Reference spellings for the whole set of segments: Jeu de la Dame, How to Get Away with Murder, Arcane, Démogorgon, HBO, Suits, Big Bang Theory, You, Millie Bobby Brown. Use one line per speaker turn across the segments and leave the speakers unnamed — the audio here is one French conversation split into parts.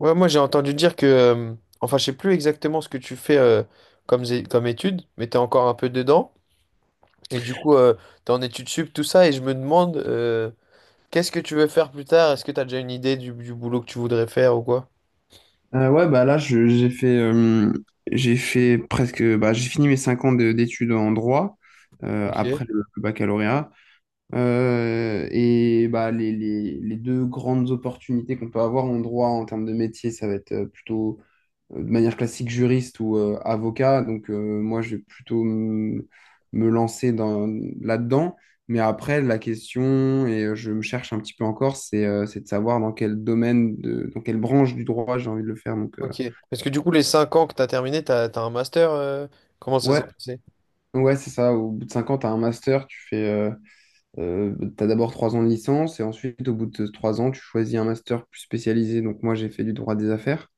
Ouais, moi j'ai entendu dire que, enfin je sais plus exactement ce que tu fais comme, comme étude, mais t'es encore un peu dedans, et du coup t'es en études sup, tout ça, et je me demande qu'est-ce que tu veux faire plus tard? Est-ce que t'as déjà une idée du boulot que tu voudrais faire ou quoi?
Ouais, bah là, je- j'ai fait presque, bah, j'ai fini mes 5 ans d'études en droit
Ok.
après le baccalauréat. Et bah, les deux grandes opportunités qu'on peut avoir en droit en termes de métier, ça va être plutôt de manière classique juriste ou avocat. Donc, moi, je vais plutôt me lancer là-dedans. Mais après, la question, je me cherche un petit peu encore, c'est de savoir dans quel domaine, dans quelle branche du droit j'ai envie de le faire. Donc.
Ok. Parce que du coup les 5 ans que t'as terminé, t'as un master, comment ça s'est
Ouais,
passé?
ouais, c'est ça. Au bout de 5 ans, tu as un master, t'as d'abord 3 ans de licence et ensuite, au bout de 3 ans, tu choisis un master plus spécialisé. Donc, moi, j'ai fait du droit des affaires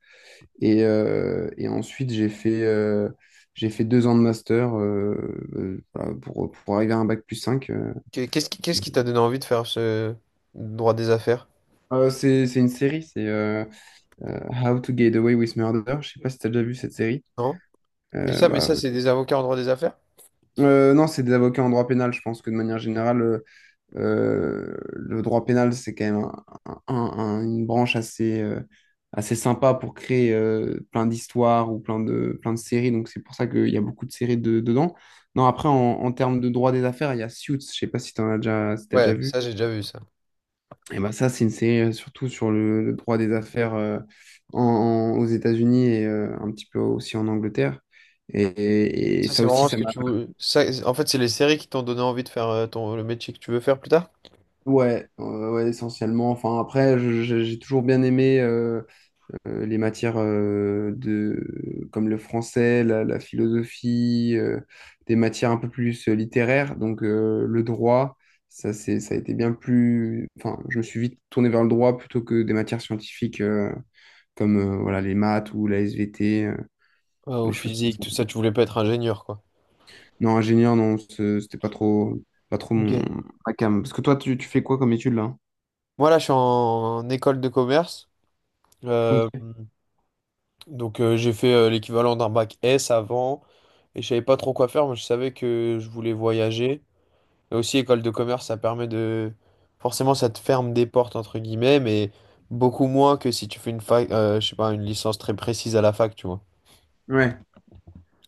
et ensuite, j'ai fait 2 ans de master voilà, pour arriver à un bac+5.
Qu'est-ce qui t'a donné envie de faire ce droit des affaires?
C'est une série, c'est euh, How to Get Away with Murder. Je sais pas si tu as déjà vu cette série.
Non? Et
Euh,
ça, mais
bah,
ça c'est des avocats en droit des affaires?
non, c'est des avocats en droit pénal. Je pense que de manière générale, le droit pénal, c'est quand même une branche assez, assez sympa pour créer plein d'histoires ou plein de séries. Donc, c'est pour ça qu'il y a beaucoup de séries dedans. Non, après, en termes de droit des affaires, il y a Suits. Je sais pas si t'as déjà
Ouais,
vu.
ça j'ai déjà vu ça.
Et ben ça, c'est une série surtout sur le droit des affaires aux États-Unis et un petit peu aussi en Angleterre. Et
Ça, c'est
ça
vraiment
aussi,
ce
ça
que
m'a.
tu veux. Ça, en fait, c'est les séries qui t'ont donné envie de faire ton, le métier que tu veux faire plus tard?
Ouais, ouais, essentiellement. Enfin, après, j'ai toujours bien aimé les matières comme le français, la philosophie, des matières un peu plus littéraires. Donc le droit, ça a été bien plus. Enfin, je me suis vite tourné vers le droit plutôt que des matières scientifiques comme voilà, les maths ou la SVT,
Au
des choses comme
physique, tout
ça.
ça, tu voulais pas être ingénieur, quoi.
Non, ingénieur, non, c'était pas trop, pas trop
Ok.
ma came. Parce que toi, tu fais quoi comme étude là?
Moi, là, je suis en, école de commerce.
Ok.
Euh, donc, j'ai fait l'équivalent d'un bac S avant. Et je savais pas trop quoi faire, mais je savais que je voulais voyager. Et aussi, école de commerce, ça permet de… Forcément, ça te ferme des portes, entre guillemets, mais beaucoup moins que si tu fais une fac, je sais pas, une licence très précise à la fac, tu vois.
Ouais.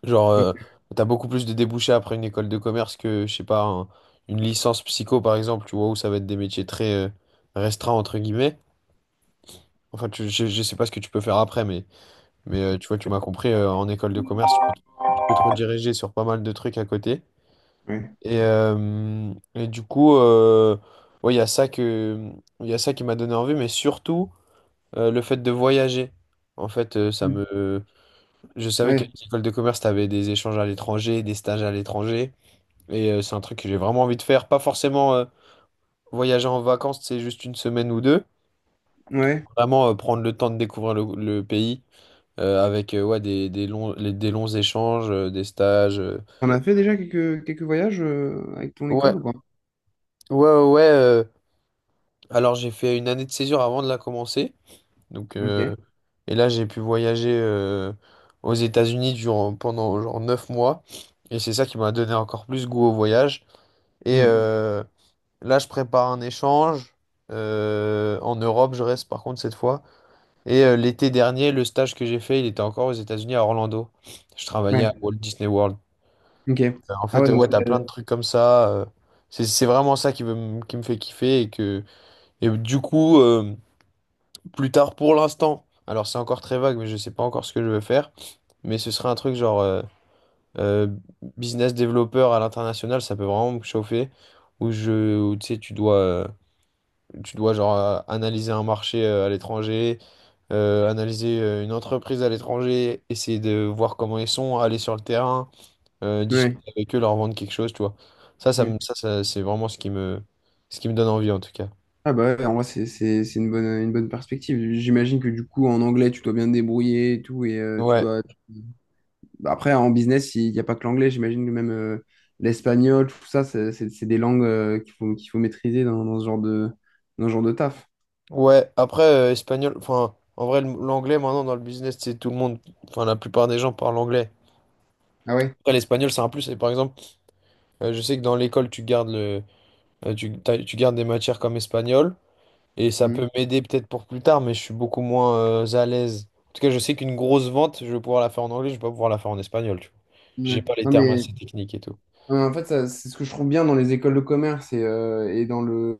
Genre,
Ok.
t'as beaucoup plus de débouchés après une école de commerce que, je sais pas, une licence psycho, par exemple, tu vois, où ça va être des métiers très restreints, entre guillemets. Enfin, je sais pas ce que tu peux faire après, mais tu vois, tu m'as compris, en école de commerce, tu peux te rediriger sur pas mal de trucs à côté.
Ouais.
Et du coup, ouais, il y a ça qui m'a donné envie, mais surtout, le fait de voyager. En fait, ça me… Je savais qu'à
Ouais.
l'école de commerce, t'avais des échanges à l'étranger, des stages à l'étranger. Et c'est un truc que j'ai vraiment envie de faire. Pas forcément voyager en vacances, c'est juste une semaine ou deux.
Ouais.
Vraiment prendre le temps de découvrir le pays avec ouais, des longs, des longs échanges, des stages.
On a fait déjà quelques voyages avec ton
Ouais,
école ou pas?
ouais, ouais. ouais, euh, Alors j'ai fait une année de césure avant de la commencer. Donc,
Ok.
et là, j'ai pu voyager aux États-Unis durant, pendant genre 9 mois. Et c'est ça qui m'a donné encore plus goût au voyage. Et,
Hmm.
euh, Là, je prépare un échange. En Europe, je reste par contre cette fois. Et l'été dernier, le stage que j'ai fait, il était encore aux États-Unis à Orlando. Je travaillais
Ouais,
à Walt Disney World.
ok. Ah ouais, donc
Ouais, t'as plein de trucs comme ça. C'est vraiment ça qui qui me fait kiffer. Et du coup, plus tard pour l'instant, alors c'est encore très vague, mais je sais pas encore ce que je veux faire. Mais ce serait un truc genre euh, business développeur à l'international, ça peut vraiment me chauffer. Où, tu sais, Tu dois genre analyser un marché à l'étranger, analyser une entreprise à l'étranger, essayer de voir comment ils sont, aller sur le terrain,
ouais.
discuter avec eux, leur vendre quelque chose, tu vois. Ça, ça,
Ouais.
me- ça, ça, c'est vraiment ce qui me donne envie en tout cas.
Ah bah ouais, en vrai, c'est une bonne perspective. J'imagine que du coup, en anglais, tu dois bien te débrouiller et tout. Et tu
Ouais,
dois. Bah, après, en business, il n'y a pas que l'anglais. J'imagine que même l'espagnol, tout ça, c'est des langues qu'il faut maîtriser dans ce genre de taf.
ouais. Après, espagnol, enfin, en vrai, l'anglais maintenant dans le business, c'est tout le monde, enfin, la plupart des gens parlent anglais.
Ah ouais.
Après, l'espagnol, c'est un plus. Et par exemple, je sais que dans l'école, tu gardes le, tu, t'as- tu gardes des matières comme espagnol. Et ça
Hmm.
peut m'aider peut-être pour plus tard, mais je suis beaucoup moins à l'aise. En tout cas, je sais qu'une grosse vente, je vais pouvoir la faire en anglais, je vais pas pouvoir la faire en espagnol, tu vois.
Ouais.
J'ai pas les
Non,
termes
mais
assez techniques et tout.
En fait, ça, c'est ce que je trouve bien dans les écoles de commerce et dans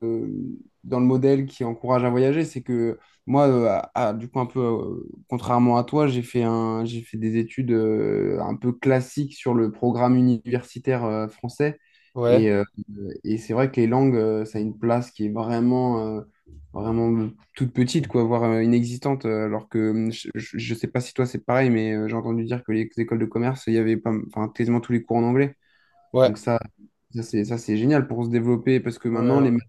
dans le modèle qui encourage à voyager, c'est que moi, du coup, un peu, contrairement à toi, j'ai fait des études un peu classiques sur le programme universitaire français.
Ouais,
Et, euh, et c'est vrai que les langues, ça a une place qui est vraiment, vraiment toute petite, quoi, voire inexistante. Alors que je ne sais pas si toi c'est pareil, mais j'ai entendu dire que les écoles de commerce, il y avait pas, enfin, quasiment tous les cours en anglais.
ouais,
Donc ça c'est génial pour se développer parce que maintenant
ouais,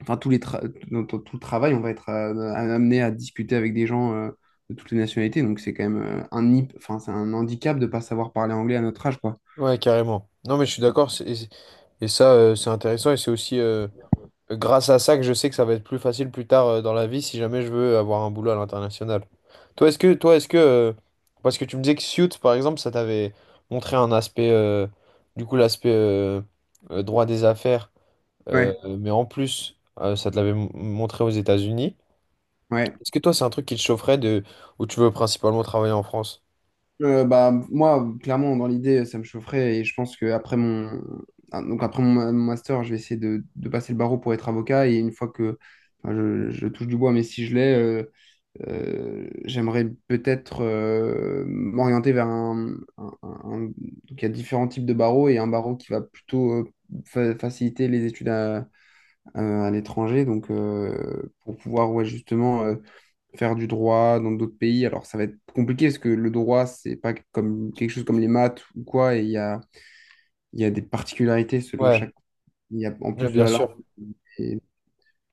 enfin tous les tra- dans- dans tout le travail, on va être amené à discuter avec des gens de toutes les nationalités. Donc c'est quand même enfin c'est un handicap de pas savoir parler anglais à notre âge quoi.
ouais, carrément. Non, mais je suis d'accord, et ça, c'est intéressant, et c'est aussi grâce à ça que je sais que ça va être plus facile plus tard dans la vie si jamais je veux avoir un boulot à l'international. Toi, est-ce que, parce que tu me disais que Suits, par exemple, ça t'avait montré un aspect, du coup, l'aspect droit des affaires. Euh,
Ouais,
mais en plus, ça te l'avait montré aux États-Unis.
ouais.
Est-ce que toi, c'est un truc qui te chaufferait de où tu veux principalement travailler en France?
Bah moi clairement dans l'idée ça me chaufferait et je pense que après mon ah, donc après mon ma- mon master je vais essayer de passer le barreau pour être avocat et une fois que enfin, je touche du bois mais si je l'ai. euh, J'aimerais peut-être m'orienter vers. Donc, il y a différents types de barreaux et un barreau qui va plutôt faciliter les études à l'étranger. Donc, pour pouvoir ouais, justement faire du droit dans d'autres pays. Alors, ça va être compliqué parce que le droit, c'est pas comme quelque chose comme les maths ou quoi. Et il y a des particularités selon
Ouais,
chaque. Il y a en
ouais,
plus de
bien
la langue
sûr.
et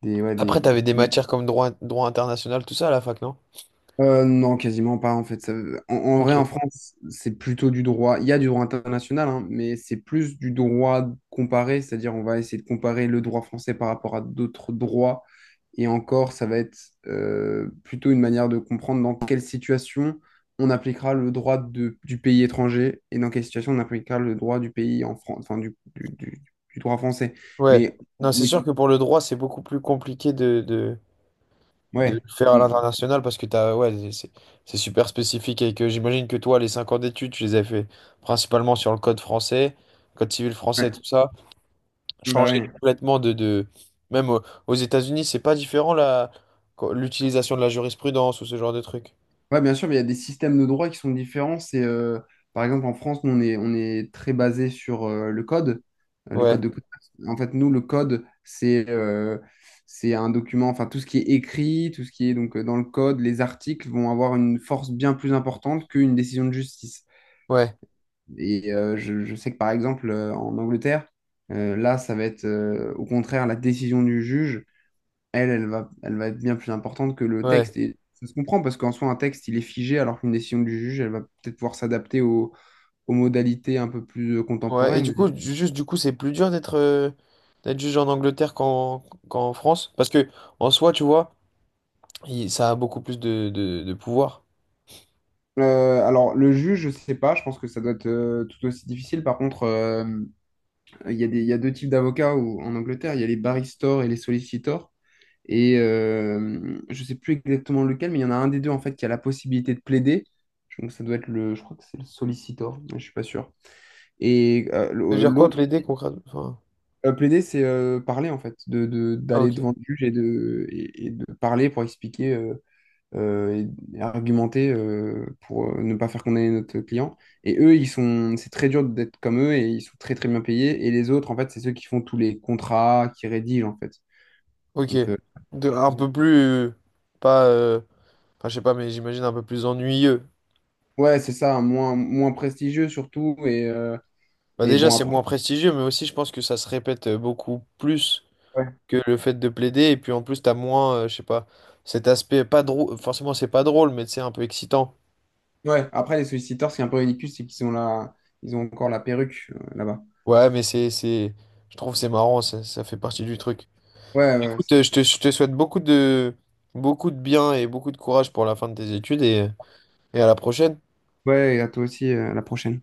des, ouais, des,
Après, t'avais des
des-
matières comme droit, droit international, tout ça à la fac, non?
Non, quasiment pas en fait. En en
Ok.
vrai, en France, c'est plutôt du droit. Il y a du droit international, hein, mais c'est plus du droit comparé, c'est-à-dire on va essayer de comparer le droit français par rapport à d'autres droits. Et encore, ça va être plutôt une manière de comprendre dans quelle situation on appliquera le droit du pays étranger et dans quelle situation on appliquera le droit du pays en France, enfin du droit français.
Ouais.
Mais,
Non, c'est
mais
sûr que pour le droit, c'est beaucoup plus compliqué de le
ouais,
faire à l'international parce que t'as, ouais, c'est super spécifique et que j'imagine que toi, les 5 ans d'études, tu les as fait principalement sur le code français, code civil
ouais,
français, tout ça.
bah
Changer
ouais.
complètement de... Même aux États-Unis, c'est pas différent la… l'utilisation de la jurisprudence ou ce genre de truc.
Ouais, bien sûr, mais il y a des systèmes de droit qui sont différents. Par exemple, en France, nous, on est très basé sur le
Ouais,
code de commerce. En fait, nous, le code, c'est un document, enfin, tout ce qui est écrit, tout ce qui est donc dans le code, les articles vont avoir une force bien plus importante qu'une décision de justice.
ouais,
Et je sais que, par exemple, en Angleterre, là, ça va être au contraire la décision du juge elle, elle va être bien plus importante que le texte.
ouais,
Et ça se comprend parce qu'en soi, un texte, il est figé, alors qu'une décision du juge, elle va peut-être pouvoir s'adapter aux modalités un peu plus
ouais. Et du
contemporaines.
coup, juste du coup, c'est plus dur d'être d'être juge en Angleterre qu'en France. Parce que en soi, tu vois, ça a beaucoup plus de pouvoir.
Alors, le juge, je sais pas, je pense que ça doit être tout aussi difficile. Par contre, il y a deux types d'avocats en Angleterre, il y a les barristers et les solicitors. Et je sais plus exactement lequel, mais il y en a un des deux en fait qui a la possibilité de plaider. Donc ça doit être je crois que c'est le sollicitor, mais je suis pas sûr. Et euh,
Ça veut dire quoi
l'autre
plaider concrètement? Enfin,
Euh, Plaider, c'est parler en fait,
ah
d'aller
ok,
devant le juge et et de parler pour expliquer euh, et argumenter pour ne pas faire condamner notre client. C'est très dur d'être comme eux et ils sont très très bien payés. Et les autres, en fait, c'est ceux qui font tous les contrats, qui rédigent en fait.
ok.
Donc,
De, un peu plus pas enfin je sais pas mais j'imagine un peu plus ennuyeux.
ouais, c'est ça, moins prestigieux surtout. Et, euh,
Bah
et
déjà
bon,
c'est
après,
moins prestigieux mais aussi je pense que ça se répète beaucoup plus.
ouais.
Que le fait de plaider. Et puis en plus, t'as moins, je sais pas, cet aspect pas drôle. Forcément, c'est pas drôle, mais c'est un peu excitant.
Ouais, après, les solliciteurs, ce qui est un peu ridicule, c'est qu'ils ont encore la perruque là-bas.
Ouais, je trouve que c'est marrant, ça fait partie du truc.
Ouais, ouais,
Écoute, je te souhaite beaucoup de bien et beaucoup de courage pour la fin de tes études et à la prochaine.
ouais, et à toi aussi, à la prochaine.